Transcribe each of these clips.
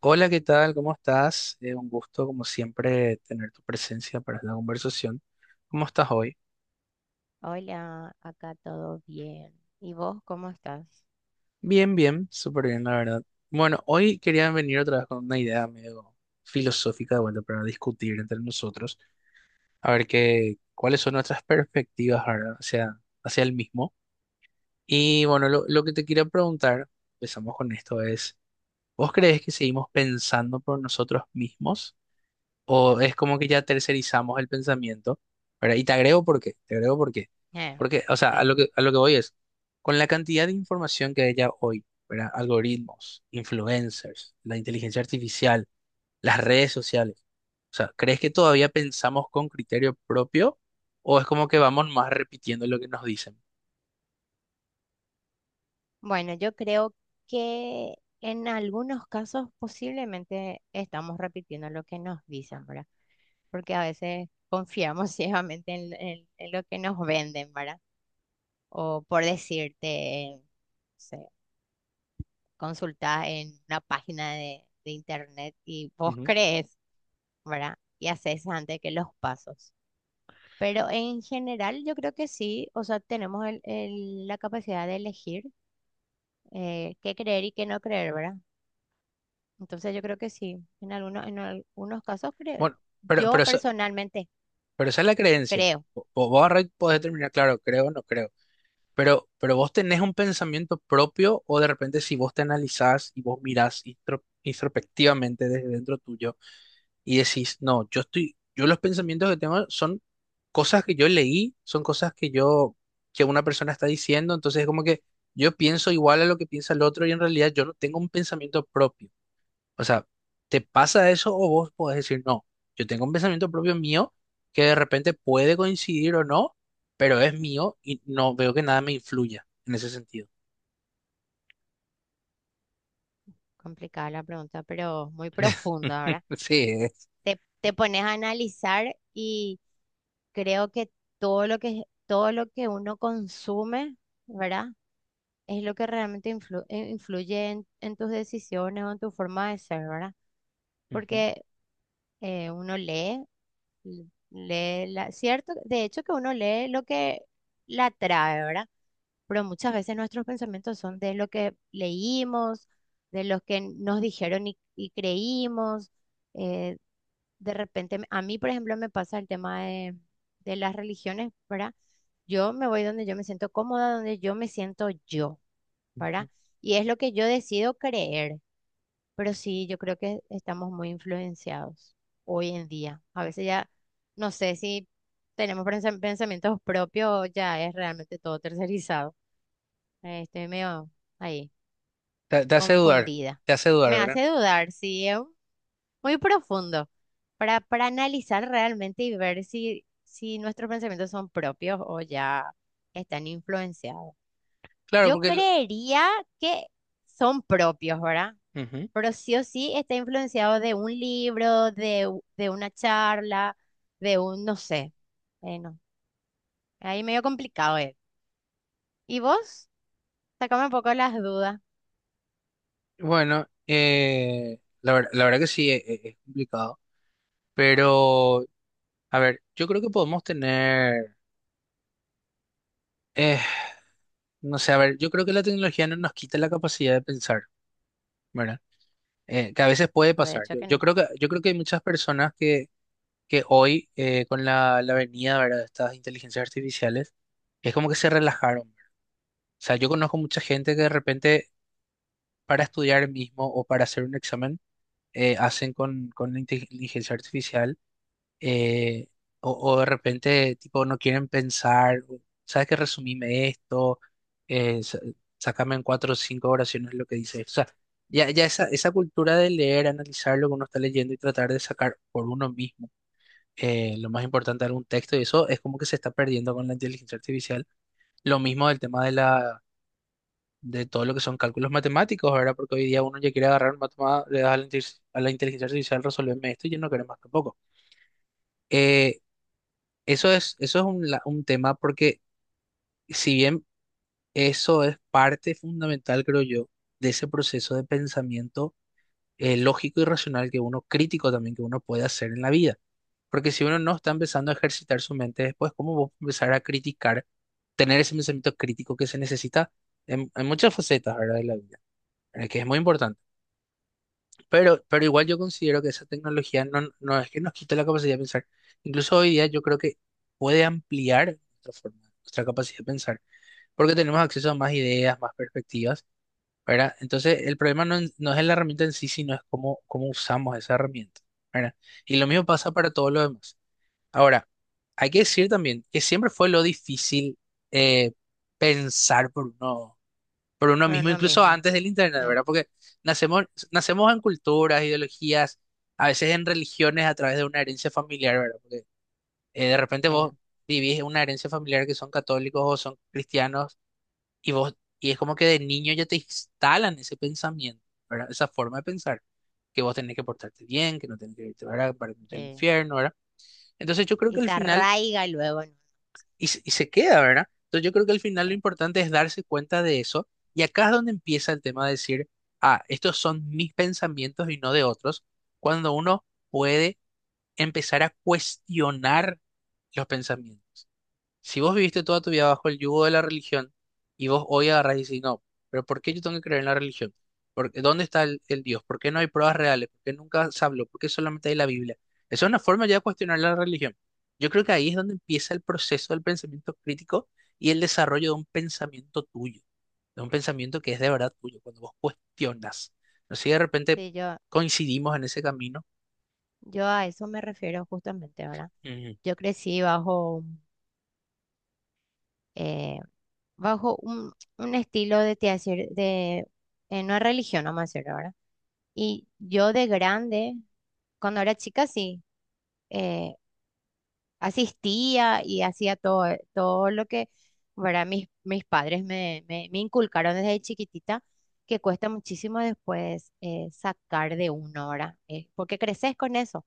Hola, ¿qué tal? ¿Cómo estás? Un gusto, como siempre, tener tu presencia para esta conversación. ¿Cómo estás hoy? Hola, acá todo bien. ¿Y vos cómo estás? Bien, bien, súper bien, la verdad. Bueno, hoy quería venir otra vez con una idea medio filosófica de vuelta para discutir entre nosotros, a ver cuáles son nuestras perspectivas ahora hacia el mismo. Y bueno, lo que te quería preguntar, empezamos con esto, es, ¿vos crees que seguimos pensando por nosotros mismos? ¿O es como que ya tercerizamos el pensamiento, ¿verdad? Y te agrego por qué, te agrego por qué. Eh, Porque, o sea, sí. A lo que voy es, con la cantidad de información que hay ya hoy, ¿verdad? Algoritmos, influencers, la inteligencia artificial, las redes sociales. O sea, ¿crees que todavía pensamos con criterio propio o es como que vamos más repitiendo lo que nos dicen? Bueno, yo creo que en algunos casos posiblemente estamos repitiendo lo que nos dicen, ¿verdad? Porque a veces confiamos ciegamente en lo que nos venden, ¿verdad? O por decirte, consultas en una página de internet y vos Ujú. crees, ¿verdad? Y haces antes que los pasos. Pero en general yo creo que sí, o sea, tenemos la capacidad de elegir qué creer y qué no creer, ¿verdad? Entonces yo creo que sí, en algunos casos creo, Bueno, pero, yo pero, esa- personalmente pero esa es la creencia. creo, Vos podés determinar, claro, creo o no creo. Pero vos tenés un pensamiento propio o de repente si vos te analizás y vos mirás introspectivamente desde dentro tuyo y decís, no, yo los pensamientos que tengo son cosas que yo leí, son cosas que yo, que una persona está diciendo, entonces es como que yo pienso igual a lo que piensa el otro y en realidad yo no tengo un pensamiento propio. O sea, ¿te pasa eso o vos podés decir, no, yo tengo un pensamiento propio mío que de repente puede coincidir o no, pero es mío y no veo que nada me influya en ese sentido? complicada la pregunta, pero muy profunda, ¿verdad? Sí, es. Te pones a analizar y creo que todo lo que uno consume, ¿verdad? Es lo que realmente influye en tus decisiones o en tu forma de ser, ¿verdad? Ujú, Porque uno lee. l- Lee la, cierto, de hecho que uno lee lo que la atrae, ¿verdad? Pero muchas veces nuestros pensamientos son de lo que leímos, de lo que nos dijeron y creímos. eh, de repente, a mí, por ejemplo, me pasa el tema de las religiones, ¿verdad? Yo me voy donde yo me siento cómoda, donde yo me siento yo, ¿verdad? ujú. Y es lo que yo decido creer. Pero sí, yo creo que estamos muy influenciados hoy en día. A veces ya, no sé si tenemos pensamientos propios, o ya es realmente todo tercerizado. Estoy medio ahí, Te hace dudar, confundida. te hace dudar, Me ¿verdad? hace dudar, sí, es muy profundo para analizar realmente y ver si, si nuestros pensamientos son propios o ya están influenciados. Claro, Yo porque... lo- creería que son propios, ¿verdad? ujú. Pero sí o sí está influenciado de un libro, de, de una charla, de un, no sé. No, ahí medio complicado es. ¿Y vos? Sacame un poco las dudas. Bueno, la verdad que sí, es complicado, pero a ver, yo creo que podemos tener, eh, no sé, a ver, yo creo que la tecnología no nos quita la capacidad de pensar, ¿verdad? Que a veces puede No, de pasar. hecho Yo, que yo no, creo que hay muchas personas que hoy, con la venida, ¿verdad?, de estas inteligencias artificiales, es como que se relajaron. O sea, yo conozco mucha gente que de repente para estudiar mismo o para hacer un examen, hacen con la inteligencia artificial eh, o de repente, tipo, no quieren pensar, ¿sabes qué? Resumime esto, eh, sa- sácame en cuatro o cinco oraciones lo que dice esto. O sea, ya esa cultura de leer, analizar lo que uno está leyendo y tratar de sacar por uno mismo lo más importante de algún texto, y eso es como que se está perdiendo con la inteligencia artificial. Lo mismo del tema de la... de todo lo que son cálculos matemáticos, ¿verdad? Porque hoy día uno ya quiere agarrar un matemático, le das a a la inteligencia artificial, resolverme esto y yo no queremos más tampoco. Eh, Eso eso es un tema porque si bien eso es parte fundamental, creo yo, de ese proceso de pensamiento lógico y racional que uno, crítico también que uno puede hacer en la vida. Porque si uno no está empezando a ejercitar su mente después, ¿cómo va a empezar a criticar, tener ese pensamiento crítico que se necesita en muchas facetas, ¿verdad?, de la vida, que es muy importante. Pero igual yo considero que esa tecnología no es que nos quite la capacidad de pensar. Incluso hoy día yo creo que puede ampliar nuestra capacidad de pensar, porque tenemos acceso a más ideas, más perspectivas, ¿verdad? Entonces, el problema no, en- no es la herramienta en sí, sino es cómo usamos esa herramienta, ¿verdad? Y lo mismo pasa para todo lo demás. Ahora, hay que decir también que siempre fue lo difícil eh, pensar por uno pero mismo, no incluso mismo. antes del internet, Eh, ¿verdad? Porque nacemos, nacemos en culturas, ideologías, a veces en religiones a través de una herencia familiar, ¿verdad? Porque de repente eh, vos vivís una herencia familiar que son católicos o son cristianos y y es como que de niño ya te instalan ese pensamiento, ¿verdad? Esa forma de pensar, que vos tenés que portarte bien, que no tenés que irte, ¿verdad?, para irte al eh. infierno, ¿verdad? Entonces yo creo que Y al se final arraiga luego, ¿no? Y se queda, ¿verdad? Entonces yo creo que al final lo Sí, importante es darse cuenta de eso y acá es donde empieza el tema de decir, ah, estos son mis pensamientos y no de otros, cuando uno puede empezar a cuestionar los pensamientos. Si vos viviste toda tu vida bajo el yugo de la religión y vos hoy agarrás y decís, no, pero ¿por qué yo tengo que creer en la religión? Porque, ¿dónde está el Dios? ¿Por qué no hay pruebas reales? ¿Por qué nunca se habló? ¿Por qué solamente hay la Biblia? Esa es una forma ya de cuestionar la religión. Yo creo que ahí es donde empieza el proceso del pensamiento crítico y el desarrollo de un pensamiento tuyo, de un pensamiento que es de verdad tuyo, cuando vos cuestionas. No sé si de repente sí, yo, coincidimos en ese camino. yo a eso me refiero justamente ahora. Ujú, Yo crecí eh, bajo un estilo de, te decir, de no es religión, vamos a decir ahora. Y yo de grande cuando era chica sí, eh, asistía y hacía todo, todo lo que, ¿verdad? Mis, mis padres me, me, me inculcaron desde chiquitita, que cuesta muchísimo después sacar de una hora, porque creces con eso.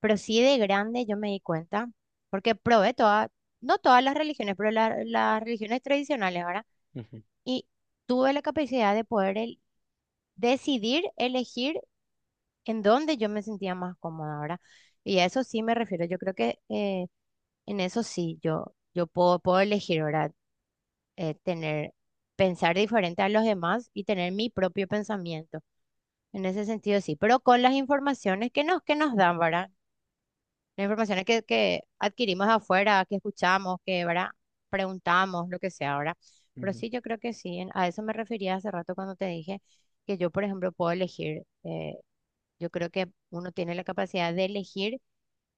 Pero sí de grande yo me di cuenta, porque probé todas, no todas las religiones, pero las religiones tradicionales, ¿verdad? ujú, Y tuve la capacidad de poder decidir, elegir en donde yo me sentía más cómoda, ¿verdad? Y a eso sí me refiero. Yo creo que en eso sí, yo puedo, puedo elegir, ¿verdad? Tener, pensar diferente a los demás y tener mi propio pensamiento. En ese sentido sí, pero con las informaciones que nos dan, ¿verdad? Las informaciones que adquirimos afuera, que escuchamos, que, ¿verdad? Preguntamos, lo que sea, ¿verdad? Pero ujú, sí, yo creo que sí, a eso me refería hace rato cuando te dije que yo, por ejemplo, puedo elegir. Yo creo que uno tiene la capacidad de elegir,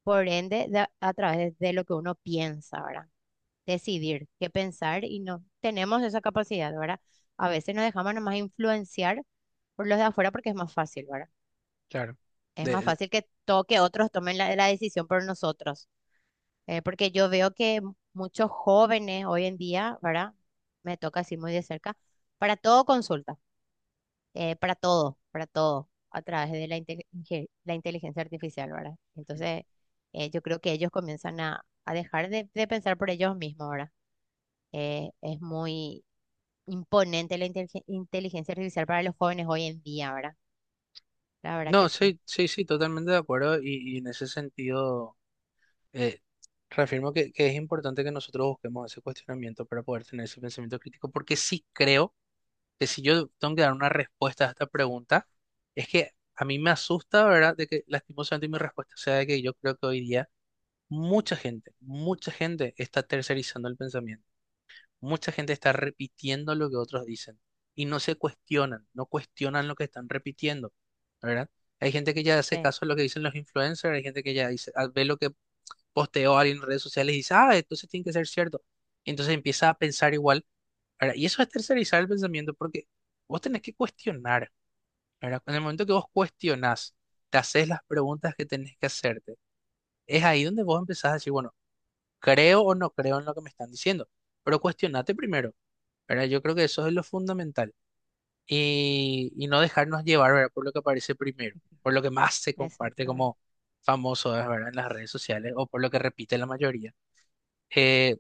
por ende, a través de lo que uno piensa, ¿verdad? Decidir qué pensar y no tenemos esa capacidad, ¿verdad? A veces nos dejamos nomás influenciar por los de afuera porque es más fácil, ¿verdad? claro. Es más fácil que, que otros tomen la decisión por nosotros. Porque yo veo que muchos jóvenes hoy en día, ¿verdad? Me toca así muy de cerca, para todo consulta para todo, a través de la, la inteligencia artificial, ¿verdad? Entonces, yo creo que ellos comienzan a dejar de pensar por ellos mismos, ¿verdad? Es muy imponente la inteligencia artificial para los jóvenes hoy en día, ¿verdad? La verdad que No, sí. sí, sí, sí, totalmente de acuerdo y en ese sentido eh, reafirmo que es importante que nosotros busquemos ese cuestionamiento para poder tener ese pensamiento crítico, porque sí creo que si yo tengo que dar una respuesta a esta pregunta, es que a mí me asusta, ¿verdad?, de que lastimosamente mi respuesta sea de que yo creo que hoy día mucha gente está tercerizando el pensamiento. Mucha gente está repitiendo lo que otros dicen y no se cuestionan, no cuestionan lo que están repitiendo, ¿verdad? Hay gente que ya hace Sí. caso a lo que dicen los influencers, hay gente que ya dice, ah, ve lo que posteó alguien en redes sociales y dice, ah, entonces tiene que ser cierto. Y entonces empieza a pensar igual, ¿verdad? Y eso es tercerizar el pensamiento porque vos tenés que cuestionar, ¿verdad? En el momento que vos cuestionás, te haces las preguntas que tenés que hacerte, es ahí donde vos empezás a decir, bueno, creo o no creo en lo que me están diciendo, pero cuestionate primero. ¿Verdad? Yo creo que eso es lo fundamental. Y no dejarnos llevar, ¿verdad?, por lo que aparece primero, por lo que más se comparte Exactamente. como famoso, es, ¿verdad?, en las redes sociales o por lo que repite la mayoría. Eh,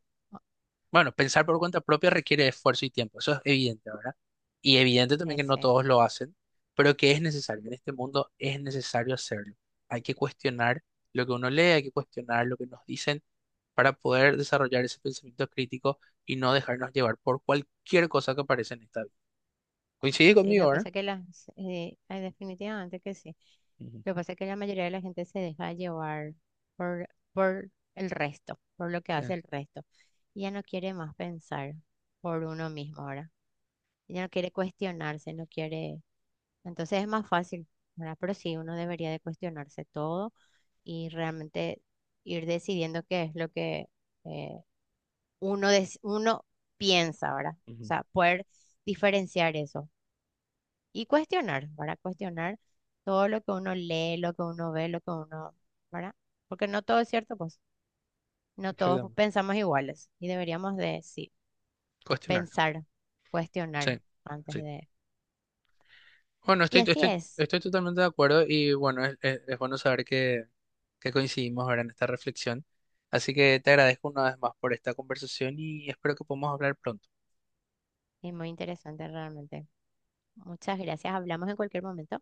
bueno, pensar por cuenta propia requiere esfuerzo y tiempo, eso es evidente, ¿verdad? Y evidente también que no Ese. todos lo hacen, pero que es necesario. En este mundo es necesario hacerlo. Hay que cuestionar lo que uno lee, hay que cuestionar lo que nos dicen para poder desarrollar ese pensamiento crítico y no dejarnos llevar por cualquier cosa que aparece en esta vida. Coincide Sí, lo que conmigo, ¿verdad? pasa es que las, ay, definitivamente que sí. Ujú, Lo que pasa es que la mayoría de la gente se deja llevar por el resto, por lo que sí, hace el resto. Y ya no quiere más pensar por uno mismo ahora. Ya no quiere cuestionarse, no quiere. Entonces es más fácil, ¿verdad? Pero sí, uno debería de cuestionarse todo y realmente ir decidiendo qué es lo que eh, uno, uno piensa ahora. O ujú, sea, poder diferenciar eso. Y cuestionar, para cuestionar todo lo que uno lee, lo que uno ve, lo que uno, ¿verdad? Porque no todo es cierto, pues no todos exactamente. pensamos iguales y deberíamos de, sí, Cuestionarlo. pensar, cuestionar Sí, antes sí. de... Bueno, Y así estoy totalmente de acuerdo y bueno, es bueno saber que coincidimos ahora en esta reflexión. Así que te agradezco una vez más por esta conversación y espero que podamos hablar pronto. es muy interesante realmente. Muchas gracias, hablamos en cualquier momento.